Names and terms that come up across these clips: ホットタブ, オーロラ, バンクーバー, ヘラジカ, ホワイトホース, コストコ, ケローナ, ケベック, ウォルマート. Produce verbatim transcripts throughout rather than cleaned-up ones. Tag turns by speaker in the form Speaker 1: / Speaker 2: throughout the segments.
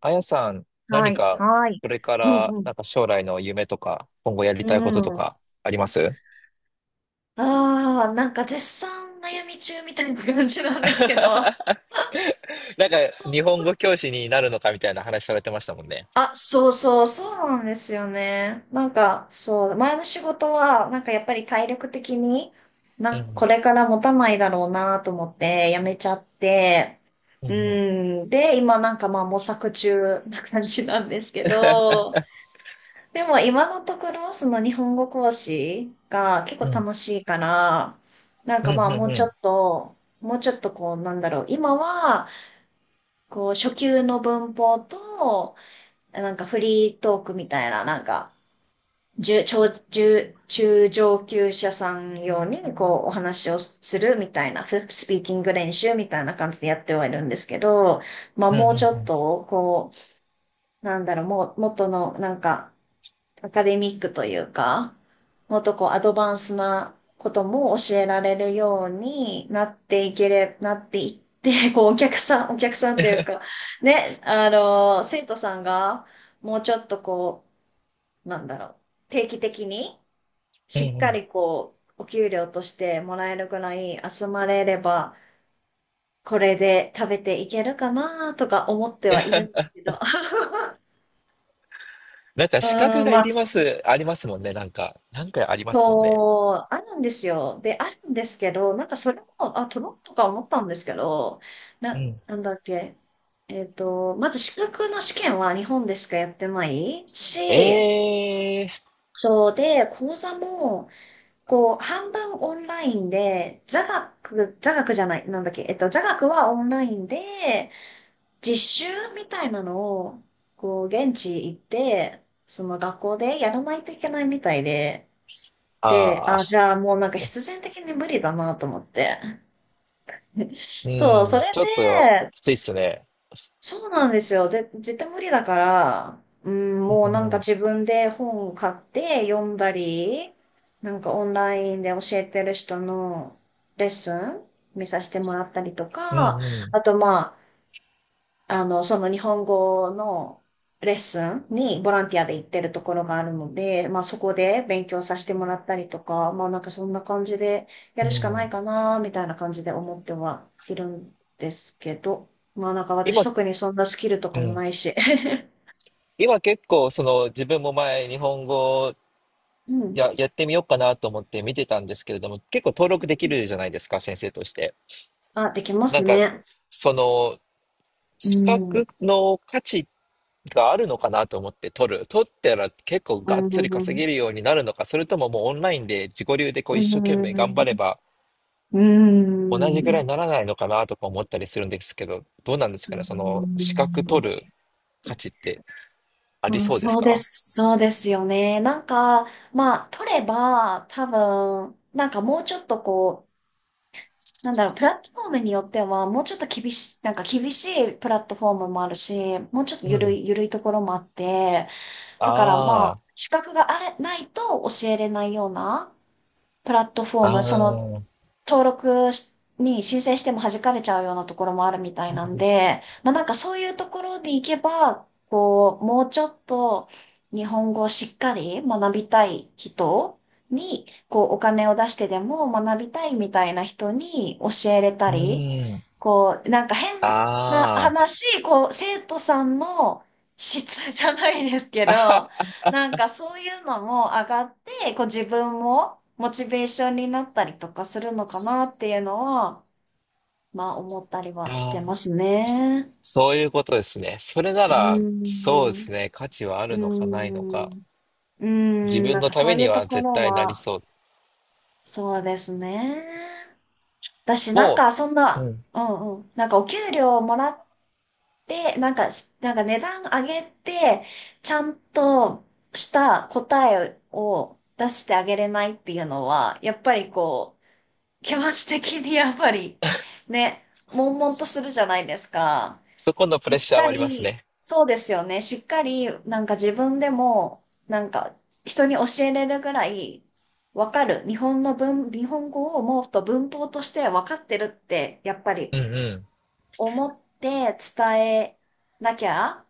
Speaker 1: あやさん、
Speaker 2: は
Speaker 1: 何
Speaker 2: い、
Speaker 1: か、
Speaker 2: はい。
Speaker 1: これか
Speaker 2: うん、
Speaker 1: ら、
Speaker 2: うん、
Speaker 1: なんか将来の夢とか、今後やり
Speaker 2: う
Speaker 1: たいことと
Speaker 2: ん。
Speaker 1: か、あります？
Speaker 2: ああ、なんか絶賛悩み中みたいな感じなんですけど。
Speaker 1: なんか、日本語教師になるのかみたいな話されてましたもんね。
Speaker 2: あ、そうそう、そうなんですよね。なんか、そう、前の仕事は、なんかやっぱり体力的に、な
Speaker 1: う
Speaker 2: んかこ
Speaker 1: ん。
Speaker 2: れから持たないだろうなと思って辞めちゃって、
Speaker 1: う
Speaker 2: う
Speaker 1: ん。
Speaker 2: ん、で、今なんかまあ模索中な感じなんですけど、でも今のところその日本語講師が結構
Speaker 1: うん。
Speaker 2: 楽しいから、なん
Speaker 1: う
Speaker 2: か
Speaker 1: ん。う
Speaker 2: ま
Speaker 1: ん。
Speaker 2: あ
Speaker 1: うん。
Speaker 2: もうちょっ
Speaker 1: う
Speaker 2: と、もうちょっとこうなんだろう、今はこう初級の文法と、なんかフリートークみたいな、なんか中、超中、中上級者さん用にこうお話をするみたいな、フスピーキング練習みたいな感じでやってはいるんですけど、まあ
Speaker 1: ん。う
Speaker 2: も
Speaker 1: ん。
Speaker 2: う
Speaker 1: う
Speaker 2: ちょっ
Speaker 1: ん。
Speaker 2: とこう、なんだろう、もう、元のなんか、アカデミックというか、もっとこうアドバンスなことも教えられるようになっていけれ、なっていって、こうお客さん、お客さんというか、ね、あの、生徒さんがもうちょっとこう、なんだろう、定期的に
Speaker 1: うん。
Speaker 2: しっ
Speaker 1: う
Speaker 2: か
Speaker 1: ん。
Speaker 2: りこう、お給料としてもらえるくらい集まれれば、これで食べていけるかなとか思ってはい るんですけど。
Speaker 1: なんか、
Speaker 2: う
Speaker 1: 資格
Speaker 2: ん、
Speaker 1: が
Speaker 2: ま
Speaker 1: い
Speaker 2: あ、
Speaker 1: り
Speaker 2: そ
Speaker 1: ます、ありますもんね。なんか、なんかありますもんね。
Speaker 2: そう、あるんですよ。で、あるんですけど、なんかそれも、あ、取ろうとか思ったんですけど、
Speaker 1: う
Speaker 2: な、
Speaker 1: ん。
Speaker 2: なんだっけ。えっと、まず資格の試験は日本でしかやってない
Speaker 1: え
Speaker 2: し、
Speaker 1: えー。
Speaker 2: そうで、講座も、こう、半分オンラインで、座学、座学じゃない、なんだっけ、えっと、座学はオンラインで、実習みたいなのを、こう、現地行って、その学校でやらないといけないみたいで、で、
Speaker 1: あ
Speaker 2: あ、じ
Speaker 1: あ。
Speaker 2: ゃあもうなんか必然的に無理だなと思って。
Speaker 1: う
Speaker 2: そう、それ
Speaker 1: ん。ちょっと、
Speaker 2: で、
Speaker 1: きついっすね。
Speaker 2: そうなんですよ。で、絶対無理だから、うん、
Speaker 1: う
Speaker 2: もうなんか
Speaker 1: ん。
Speaker 2: 自分で本を買って読んだり、なんかオンラインで教えてる人のレッスン見させてもらったりと
Speaker 1: うん。
Speaker 2: か、
Speaker 1: うん。
Speaker 2: あとまあ、あの、その日本語のレッスンにボランティアで行ってるところがあるので、まあそこで勉強させてもらったりとか、まあなんかそんな感じでや
Speaker 1: う
Speaker 2: る
Speaker 1: ん。う
Speaker 2: しかない
Speaker 1: ん。
Speaker 2: かな、みたいな感じで思ってはいるんですけど、まあなんか私
Speaker 1: 今、
Speaker 2: 特にそんなスキルと
Speaker 1: う
Speaker 2: かも
Speaker 1: ん、
Speaker 2: ないし。
Speaker 1: 今結構その自分も前日本語
Speaker 2: うん。
Speaker 1: や、やってみようかなと思って見てたんですけれども、結構登録できるじゃないですか、先生として。
Speaker 2: あ、できま
Speaker 1: な
Speaker 2: す
Speaker 1: んか
Speaker 2: ね。
Speaker 1: その
Speaker 2: う
Speaker 1: 資
Speaker 2: ん。
Speaker 1: 格の価値があるのかなと思って取る。取ったら結構
Speaker 2: う
Speaker 1: が
Speaker 2: ん。
Speaker 1: っつり
Speaker 2: う
Speaker 1: 稼
Speaker 2: ん。
Speaker 1: げるようになるのか、それとももうオンラインで自己流でこう一生懸命頑張れば
Speaker 2: う
Speaker 1: 同じぐらい
Speaker 2: ん。
Speaker 1: にならないのかなとか思ったりするんですけど、どうなんです
Speaker 2: う
Speaker 1: かね、
Speaker 2: ん。
Speaker 1: その資格取る価値ってあり
Speaker 2: うん、
Speaker 1: そうです
Speaker 2: そうで
Speaker 1: か？
Speaker 2: す。そうですよね。なんか、まあ、取れば、多分、なんかもうちょっとこう、なんだろう、プラットフォームによっては、もうちょっと厳しい、なんか厳しいプラットフォームもあるし、もうちょっと
Speaker 1: う
Speaker 2: ゆる
Speaker 1: ん。
Speaker 2: い、ゆるいところもあって、だからまあ、
Speaker 1: あ
Speaker 2: 資格があれ、ないと教えれないようなプラットフォー
Speaker 1: あ。
Speaker 2: ム、
Speaker 1: あ
Speaker 2: その
Speaker 1: あ。
Speaker 2: 登録しに申請しても弾かれちゃうようなところもあるみたいなんで、まあなんかそういうところに行けば、こう、もうちょっと日本語をしっかり学びたい人に、こう、お金を出してでも学びたいみたいな人に教えれた
Speaker 1: う
Speaker 2: り、
Speaker 1: ーん。
Speaker 2: こう、なんか変な
Speaker 1: ああ。
Speaker 2: 話、こう、生徒さんの質じゃないですけど、なんかそういうのも上がって、こう自分もモチベーションになったりとかするのかなっていうのは、まあ思ったり
Speaker 1: いや
Speaker 2: はしてま
Speaker 1: ー、
Speaker 2: すね。
Speaker 1: そういうことですね。それな
Speaker 2: うー
Speaker 1: ら、そうで
Speaker 2: ん。
Speaker 1: すね。価値はあ
Speaker 2: うー
Speaker 1: るのかないの
Speaker 2: ん。
Speaker 1: か。
Speaker 2: うー
Speaker 1: 自
Speaker 2: ん。
Speaker 1: 分
Speaker 2: なん
Speaker 1: の
Speaker 2: か
Speaker 1: た
Speaker 2: そ
Speaker 1: め
Speaker 2: うい
Speaker 1: に
Speaker 2: うと
Speaker 1: は
Speaker 2: こ
Speaker 1: 絶
Speaker 2: ろ
Speaker 1: 対なり
Speaker 2: は、
Speaker 1: そう。
Speaker 2: そうですね。だし、なん
Speaker 1: も
Speaker 2: かそん
Speaker 1: う、う
Speaker 2: な、
Speaker 1: ん。
Speaker 2: うんうん、なんかお給料もらって、なんかし、なんか値段上げて、ちゃんとした答えを出してあげれないっていうのは、やっぱりこう、気持ち的にやっぱり、ね、悶々とするじゃないですか。
Speaker 1: そこのプレ
Speaker 2: し
Speaker 1: ッ
Speaker 2: っ
Speaker 1: シャー
Speaker 2: か
Speaker 1: はあります
Speaker 2: り、
Speaker 1: ね。
Speaker 2: そうですよね。しっかり、なんか自分でも、なんか人に教えれるぐらい、わかる。日本の文、日本語をもっと文法としてわかってるって、やっぱり
Speaker 1: うんう
Speaker 2: 思って伝えなきゃ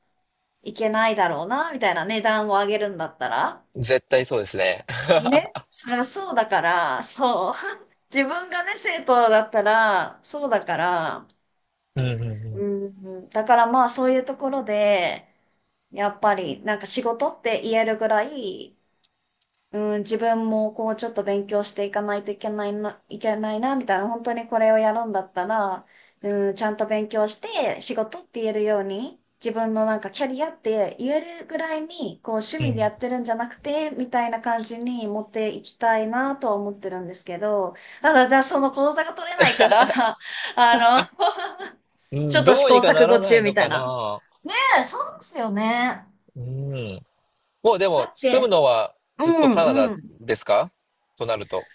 Speaker 2: いけないだろうな、みたいな値段を上げるんだったら。
Speaker 1: ん。絶対そうですね。
Speaker 2: ね。それはそうだから、そう。自分がね、生徒だったら、そうだから、
Speaker 1: うんう
Speaker 2: う
Speaker 1: ん
Speaker 2: んうん、だからまあそういうところで、やっぱりなんか仕事って言えるぐらい、うん、自分もこうちょっと勉強していかないといけないな、いけないな、みたいな、本当にこれをやるんだったら、うん、ちゃんと勉強して仕事って言えるように、自分のなんかキャリアって言えるぐらいに、こう趣
Speaker 1: うん。う
Speaker 2: 味でや
Speaker 1: ん。
Speaker 2: ってるんじゃなくて、みたいな感じに持っていきたいなとは思ってるんですけど、ただ、じゃあその講座が取れないから、あの
Speaker 1: う
Speaker 2: ちょっ
Speaker 1: ん、
Speaker 2: と
Speaker 1: ど
Speaker 2: 試
Speaker 1: う
Speaker 2: 行
Speaker 1: にか
Speaker 2: 錯
Speaker 1: な
Speaker 2: 誤
Speaker 1: らな
Speaker 2: 中
Speaker 1: い
Speaker 2: み
Speaker 1: の
Speaker 2: たい
Speaker 1: か
Speaker 2: な。ね
Speaker 1: な。
Speaker 2: えそうですよね。
Speaker 1: うん。もうで
Speaker 2: だ
Speaker 1: も、
Speaker 2: っ
Speaker 1: 住む
Speaker 2: て、
Speaker 1: のは
Speaker 2: う
Speaker 1: ずっとカナ
Speaker 2: ん
Speaker 1: ダ
Speaker 2: うん。
Speaker 1: ですか、となると。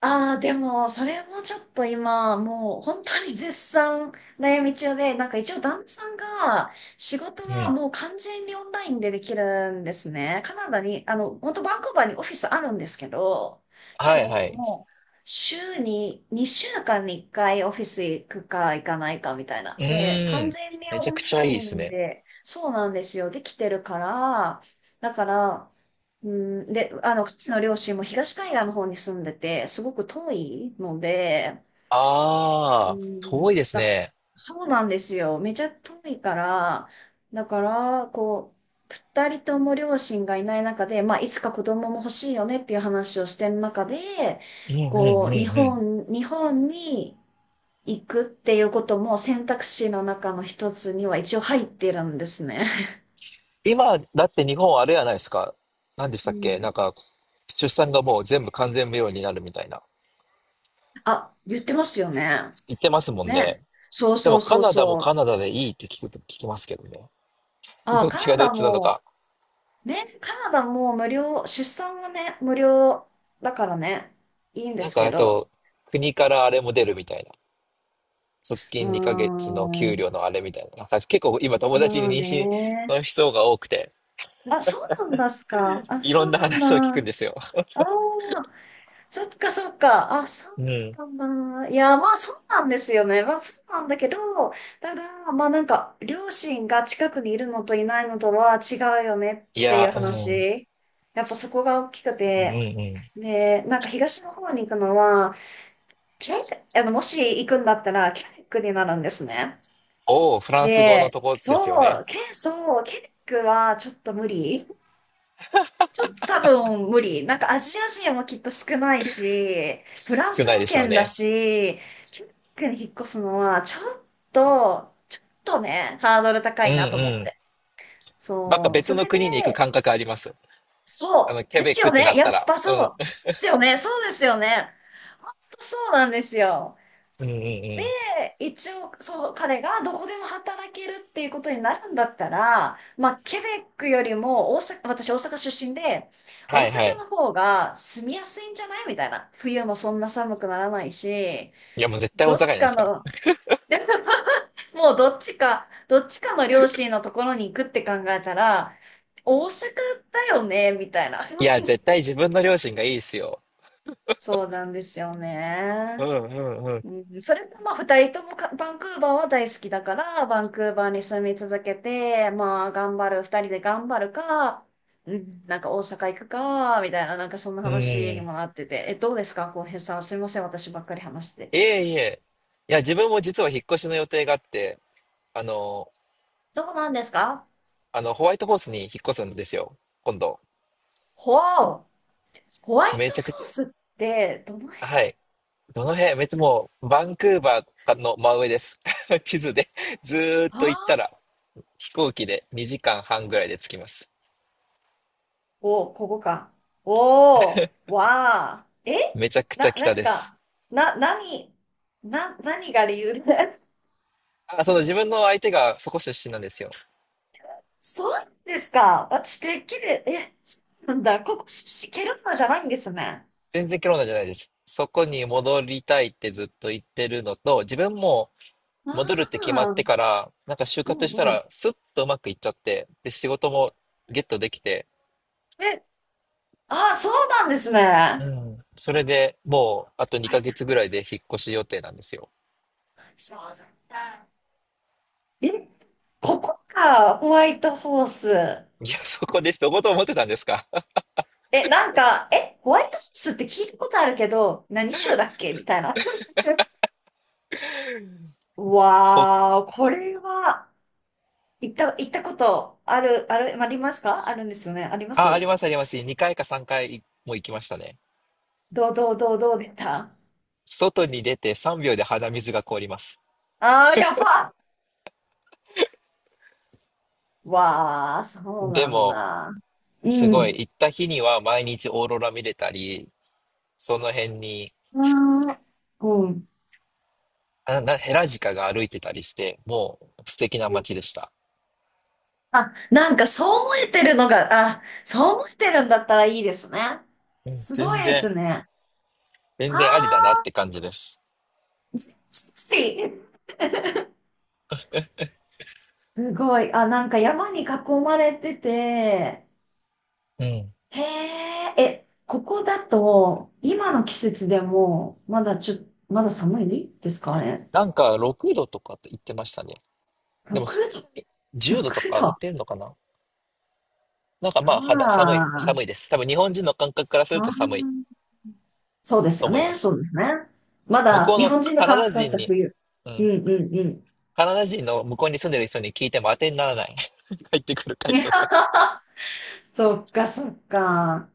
Speaker 2: ああ、でも、それもちょっと今、もう本当に絶賛悩み中で、なんか一応旦那さんが仕事
Speaker 1: う
Speaker 2: は
Speaker 1: ん。
Speaker 2: もう完全にオンラインでできるんですね。カナダに、あの、本当バンクーバーにオフィスあるんですけど、け
Speaker 1: は
Speaker 2: ど
Speaker 1: いはい。
Speaker 2: もう週ににしゅうかんにいっかいオフィス行くか行かないかみたいな。
Speaker 1: う
Speaker 2: で、
Speaker 1: ー
Speaker 2: 完
Speaker 1: ん。
Speaker 2: 全に
Speaker 1: めち
Speaker 2: オ
Speaker 1: ゃく
Speaker 2: ン
Speaker 1: ち
Speaker 2: ラ
Speaker 1: ゃいい
Speaker 2: イ
Speaker 1: です
Speaker 2: ン
Speaker 1: ね。
Speaker 2: で、そうなんですよ、できてるから、だから、うん、で、あの、彼の両親も東海岸の方に住んでて、すごく遠いので、う
Speaker 1: ああ、遠
Speaker 2: ん、
Speaker 1: いです
Speaker 2: だ、
Speaker 1: ね。
Speaker 2: そうなんですよ。めちゃ遠いから、だから、こう、二人とも両親がいない中で、まあ、いつか子供も欲しいよねっていう話をしてる中で、
Speaker 1: うんうん
Speaker 2: こ
Speaker 1: う
Speaker 2: う、日
Speaker 1: んうん。
Speaker 2: 本、日本に行くっていうことも選択肢の中の一つには一応入ってるんですね。
Speaker 1: 今、だって日本あれやないですか。何でし
Speaker 2: う
Speaker 1: たっけ、
Speaker 2: ん。
Speaker 1: なんか、出産がもう全部完全無料になるみたいな。
Speaker 2: あ、言ってますよね。
Speaker 1: 言ってますもん
Speaker 2: ね。
Speaker 1: ね。
Speaker 2: そう
Speaker 1: で
Speaker 2: そ
Speaker 1: も
Speaker 2: う
Speaker 1: カ
Speaker 2: そう
Speaker 1: ナダも
Speaker 2: そう。
Speaker 1: カナダでいいって聞くと聞きますけどね。
Speaker 2: あ、
Speaker 1: どっ
Speaker 2: カ
Speaker 1: ち
Speaker 2: ナ
Speaker 1: がどっ
Speaker 2: ダ
Speaker 1: ちなの
Speaker 2: も、
Speaker 1: か。
Speaker 2: ね、カナダも無料、出産はね、無料だからね、いいんで
Speaker 1: なん
Speaker 2: す
Speaker 1: か
Speaker 2: け
Speaker 1: あ
Speaker 2: ど。
Speaker 1: と、国からあれも出るみたいな。側
Speaker 2: うー
Speaker 1: 近にかげつの給
Speaker 2: ん、
Speaker 1: 料のあれみたいな。なんか結構今友達に
Speaker 2: まあ
Speaker 1: 妊娠
Speaker 2: ね。
Speaker 1: の人が多くて、
Speaker 2: あ、そうなんですか。あ、
Speaker 1: いろ
Speaker 2: そ
Speaker 1: ん
Speaker 2: う
Speaker 1: な
Speaker 2: なん
Speaker 1: 話を聞くん
Speaker 2: だ。
Speaker 1: ですよ。
Speaker 2: ああ、そっかそっか。あ、そう
Speaker 1: うん。
Speaker 2: だったんだ。いや、まあそうなんですよね。まあそうなんだけど、ただ、まあなんか、両親が近くにいるのといないのとは違うよね
Speaker 1: い
Speaker 2: っていう
Speaker 1: や、うん。
Speaker 2: 話。やっぱそこが大きく
Speaker 1: うんう
Speaker 2: て。
Speaker 1: ん。
Speaker 2: で、なんか東の方に行くのは、キャク、あの、もし行くんだったら、キャイクになるんですね。
Speaker 1: おお、フランス語の
Speaker 2: で、
Speaker 1: とこですよ
Speaker 2: そう、
Speaker 1: ね。
Speaker 2: け、そう、ケネックはちょっと無理。ちょっと多分無理。なんかアジア人もきっと少ないし、フラン
Speaker 1: 少
Speaker 2: ス
Speaker 1: ない
Speaker 2: 語
Speaker 1: でしょう
Speaker 2: 圏だ
Speaker 1: ね。
Speaker 2: し、キュークに引っ越すのはちょっと、ちょっとね、ハードル高
Speaker 1: うん
Speaker 2: いなと思っ
Speaker 1: うん。
Speaker 2: て。
Speaker 1: なんか
Speaker 2: そう、そ
Speaker 1: 別の
Speaker 2: れで、
Speaker 1: 国に行く感覚あります。あの、
Speaker 2: そう、
Speaker 1: ケ
Speaker 2: で
Speaker 1: ベッ
Speaker 2: す
Speaker 1: クっ
Speaker 2: よ
Speaker 1: てな
Speaker 2: ね。
Speaker 1: っ
Speaker 2: や
Speaker 1: た
Speaker 2: っ
Speaker 1: ら。
Speaker 2: ぱ
Speaker 1: う
Speaker 2: そ
Speaker 1: ん。
Speaker 2: う、そうですよね。そうですよね。そうなんですよ。
Speaker 1: うんうんう
Speaker 2: で、
Speaker 1: ん。
Speaker 2: 一応、そう、彼がどこでも働けるっていうことになるんだったら、まあ、ケベックよりも大阪、私大阪出身で、大
Speaker 1: はいは
Speaker 2: 阪の
Speaker 1: い。
Speaker 2: 方が住みやすいんじゃないみたいな。冬もそんな寒くならないし、
Speaker 1: いやもう絶対大阪
Speaker 2: どっ
Speaker 1: じゃな
Speaker 2: ち
Speaker 1: いで
Speaker 2: か
Speaker 1: すか。
Speaker 2: の、もうどっちか、どっちかの両親のところに行くって考えたら、大阪だよねみたいな。
Speaker 1: いや、絶対自分の両親がいいですよ。
Speaker 2: そうなんですよ
Speaker 1: う
Speaker 2: ね。
Speaker 1: んうんうん。
Speaker 2: うん、それとまあ二人ともかバンクーバーは大好きだから、バンクーバーに住み続けて、まあ頑張る、二人で頑張るか、うん、なんか大阪行くか、みたいな、なんかそんな
Speaker 1: うん。
Speaker 2: 話に
Speaker 1: い
Speaker 2: もなってて、え、どうですか、浩平さん。すみません、私ばっかり話して。
Speaker 1: えいえ。いや、自分も実は引っ越しの予定があって、あの、
Speaker 2: そうなんですか
Speaker 1: あの、ホワイトホースに引っ越すんですよ。今度。
Speaker 2: ほわお、ホワイト
Speaker 1: めちゃ
Speaker 2: フ
Speaker 1: く
Speaker 2: ォー
Speaker 1: ち
Speaker 2: スってどの辺
Speaker 1: ゃ。はい。どの辺？めっちゃもう、バンクーバーの真上です。地図でずーっ
Speaker 2: は
Speaker 1: と行った
Speaker 2: あ
Speaker 1: ら、飛行機でにじかんはんぐらいで着きます。
Speaker 2: お、ここか。おー、わあえ
Speaker 1: めちゃくちゃ
Speaker 2: な、
Speaker 1: 北
Speaker 2: なん
Speaker 1: です。
Speaker 2: か、な、何、な、何が理由で
Speaker 1: あ、その自分の相手がそこ出身なんですよ。
Speaker 2: そうですか。私、てっきり、え、そうなんだ。ここ、シシケルナじゃないんですね。
Speaker 1: 全然ケロナじゃないです。そこに戻りたいってずっと言ってるのと、自分も
Speaker 2: あ
Speaker 1: 戻るって決まっ
Speaker 2: あ、
Speaker 1: てから、なんか就
Speaker 2: う
Speaker 1: 活した
Speaker 2: んうん。
Speaker 1: らスッとうまくいっちゃって、で、仕事もゲットできて、
Speaker 2: え、ああ、そうなんですね。
Speaker 1: う
Speaker 2: ホ
Speaker 1: ん。それでもうあと
Speaker 2: ワ
Speaker 1: 2
Speaker 2: イ
Speaker 1: ヶ
Speaker 2: トホ
Speaker 1: 月
Speaker 2: ー
Speaker 1: ぐらいで
Speaker 2: ス。
Speaker 1: 引っ越し予定なんですよ。
Speaker 2: そうなんだ。え、ここか、ホワイトホース。
Speaker 1: いや、そこです。どこと思ってたんですか？
Speaker 2: え、なんか、え、ホワイトホースって聞いたことあるけど、何州だっけみたいな。
Speaker 1: お
Speaker 2: わー、これは、行った、行ったことある、ある、ありますかあるんですよね。ありま
Speaker 1: あ、あり
Speaker 2: す
Speaker 1: ますあります。にかいかさんかいも行きましたね。
Speaker 2: どう、どう、どう、どうでした
Speaker 1: 外に出てさんびょうで鼻水が凍ります。
Speaker 2: ああ、やばっわあ、そう
Speaker 1: で
Speaker 2: なん
Speaker 1: も、
Speaker 2: だ。う
Speaker 1: すごい、
Speaker 2: ん。
Speaker 1: 行った日には毎日オーロラ見れたり、その辺に、
Speaker 2: ああ、うん。
Speaker 1: あな、ヘラジカが歩いてたりして、もう素敵な街でした。
Speaker 2: あ、なんかそう思えてるのが、あ、そう思ってるんだったらいいですね。
Speaker 1: うん、
Speaker 2: すご
Speaker 1: 全
Speaker 2: いで
Speaker 1: 然、
Speaker 2: すね。
Speaker 1: 全
Speaker 2: あ
Speaker 1: 然ありだなっ
Speaker 2: あ、
Speaker 1: て感じです。
Speaker 2: ずずっしすごい。あ、なんか山に囲まれてて、
Speaker 1: うん。
Speaker 2: へえ、え、ここだと、今の季節でも、まだちょ、まだ寒いですかね。
Speaker 1: なんかろくどとかって言ってましたね。でも
Speaker 2: 6
Speaker 1: そん
Speaker 2: 度
Speaker 1: なに、じゅうど
Speaker 2: ろく
Speaker 1: とか上
Speaker 2: 度
Speaker 1: がっ
Speaker 2: あ
Speaker 1: てんのかな？なんかまあ肌寒い、
Speaker 2: あ
Speaker 1: 寒いです。多分日本人の感覚からする
Speaker 2: あ
Speaker 1: と
Speaker 2: あ、
Speaker 1: 寒い
Speaker 2: そうです
Speaker 1: と
Speaker 2: よ
Speaker 1: 思いま
Speaker 2: ね。そ
Speaker 1: す。
Speaker 2: うですね。ま
Speaker 1: 向
Speaker 2: だ
Speaker 1: こう
Speaker 2: 日
Speaker 1: の
Speaker 2: 本人の
Speaker 1: カナ
Speaker 2: 感
Speaker 1: ダ
Speaker 2: 覚だっ
Speaker 1: 人
Speaker 2: た
Speaker 1: に、
Speaker 2: 冬。
Speaker 1: う
Speaker 2: うん
Speaker 1: ん。
Speaker 2: うんうん。
Speaker 1: カナダ人の向こうに住んでる人に聞いても当てにならない。返ってくる回答が。
Speaker 2: そっかそっか。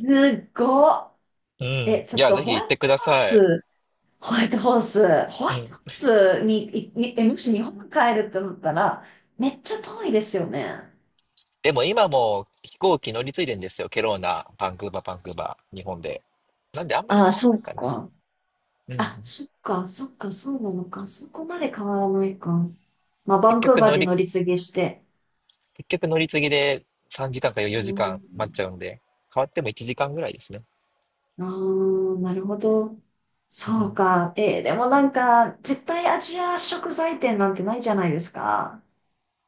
Speaker 2: すごっ。
Speaker 1: うん。い
Speaker 2: え、ちょっ
Speaker 1: や、
Speaker 2: と
Speaker 1: ぜ
Speaker 2: ホ
Speaker 1: ひ
Speaker 2: ワ
Speaker 1: 行っ
Speaker 2: イ
Speaker 1: てく
Speaker 2: ト
Speaker 1: だ
Speaker 2: ホー
Speaker 1: さい。
Speaker 2: ス、ホワイトホース、ホ
Speaker 1: う
Speaker 2: ワイト
Speaker 1: ん。
Speaker 2: ホースに、いにえ、もし日本帰るってなったら、めっちゃ遠いですよね。
Speaker 1: でも今も飛行機乗り継いでんですよ。ケローナ、バンクーバー、バンクーバー、日本で。なんであんまり
Speaker 2: ああ、
Speaker 1: 変わん
Speaker 2: そ
Speaker 1: な
Speaker 2: っ
Speaker 1: いかな。
Speaker 2: か。
Speaker 1: う
Speaker 2: あ、
Speaker 1: ん。
Speaker 2: そっか、そっか、そうなのか。そこまで変わらないか。まあ、バ
Speaker 1: 結
Speaker 2: ンクー
Speaker 1: 局
Speaker 2: バー
Speaker 1: 乗
Speaker 2: で
Speaker 1: り、
Speaker 2: 乗り継ぎして。
Speaker 1: 結局乗り継ぎでさんじかんか
Speaker 2: う
Speaker 1: よじかん待っちゃ
Speaker 2: ん
Speaker 1: うんで、変わってもいちじかんぐらいですね。
Speaker 2: ああ、なるほど。
Speaker 1: う
Speaker 2: そう
Speaker 1: ん、
Speaker 2: か。えーでもなんか、絶対アジア食材店なんてないじゃないですか。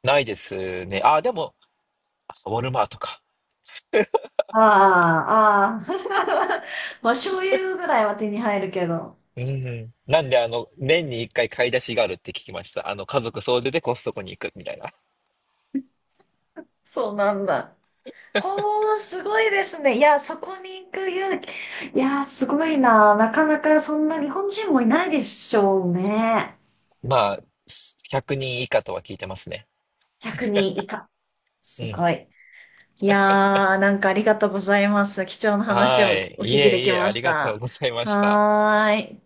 Speaker 1: ないですね。あ、でも、あウォルマートか。
Speaker 2: ああ、ああ。まあ、醤油ぐらいは手に入るけど。
Speaker 1: うん。なんで、あの、年に一回買い出しがあるって聞きました。あの、家族総出でコストコに行くみたいな。
Speaker 2: そうなんだ。おー、すごいですね。いや、そこに行く勇気。いや、すごいな。なかなかそんな日本人もいないでしょうね。
Speaker 1: まあ、ひゃくにん以下とは聞いてますね。
Speaker 2: ひゃくにん以下。
Speaker 1: う
Speaker 2: す
Speaker 1: ん。
Speaker 2: ごい。いやー、なんかありがとうございます。貴重な話
Speaker 1: は
Speaker 2: を
Speaker 1: い。
Speaker 2: お
Speaker 1: い
Speaker 2: 聞きで
Speaker 1: えい
Speaker 2: き
Speaker 1: え、
Speaker 2: ま
Speaker 1: あ
Speaker 2: し
Speaker 1: りがと
Speaker 2: た。
Speaker 1: うございました。
Speaker 2: はーい。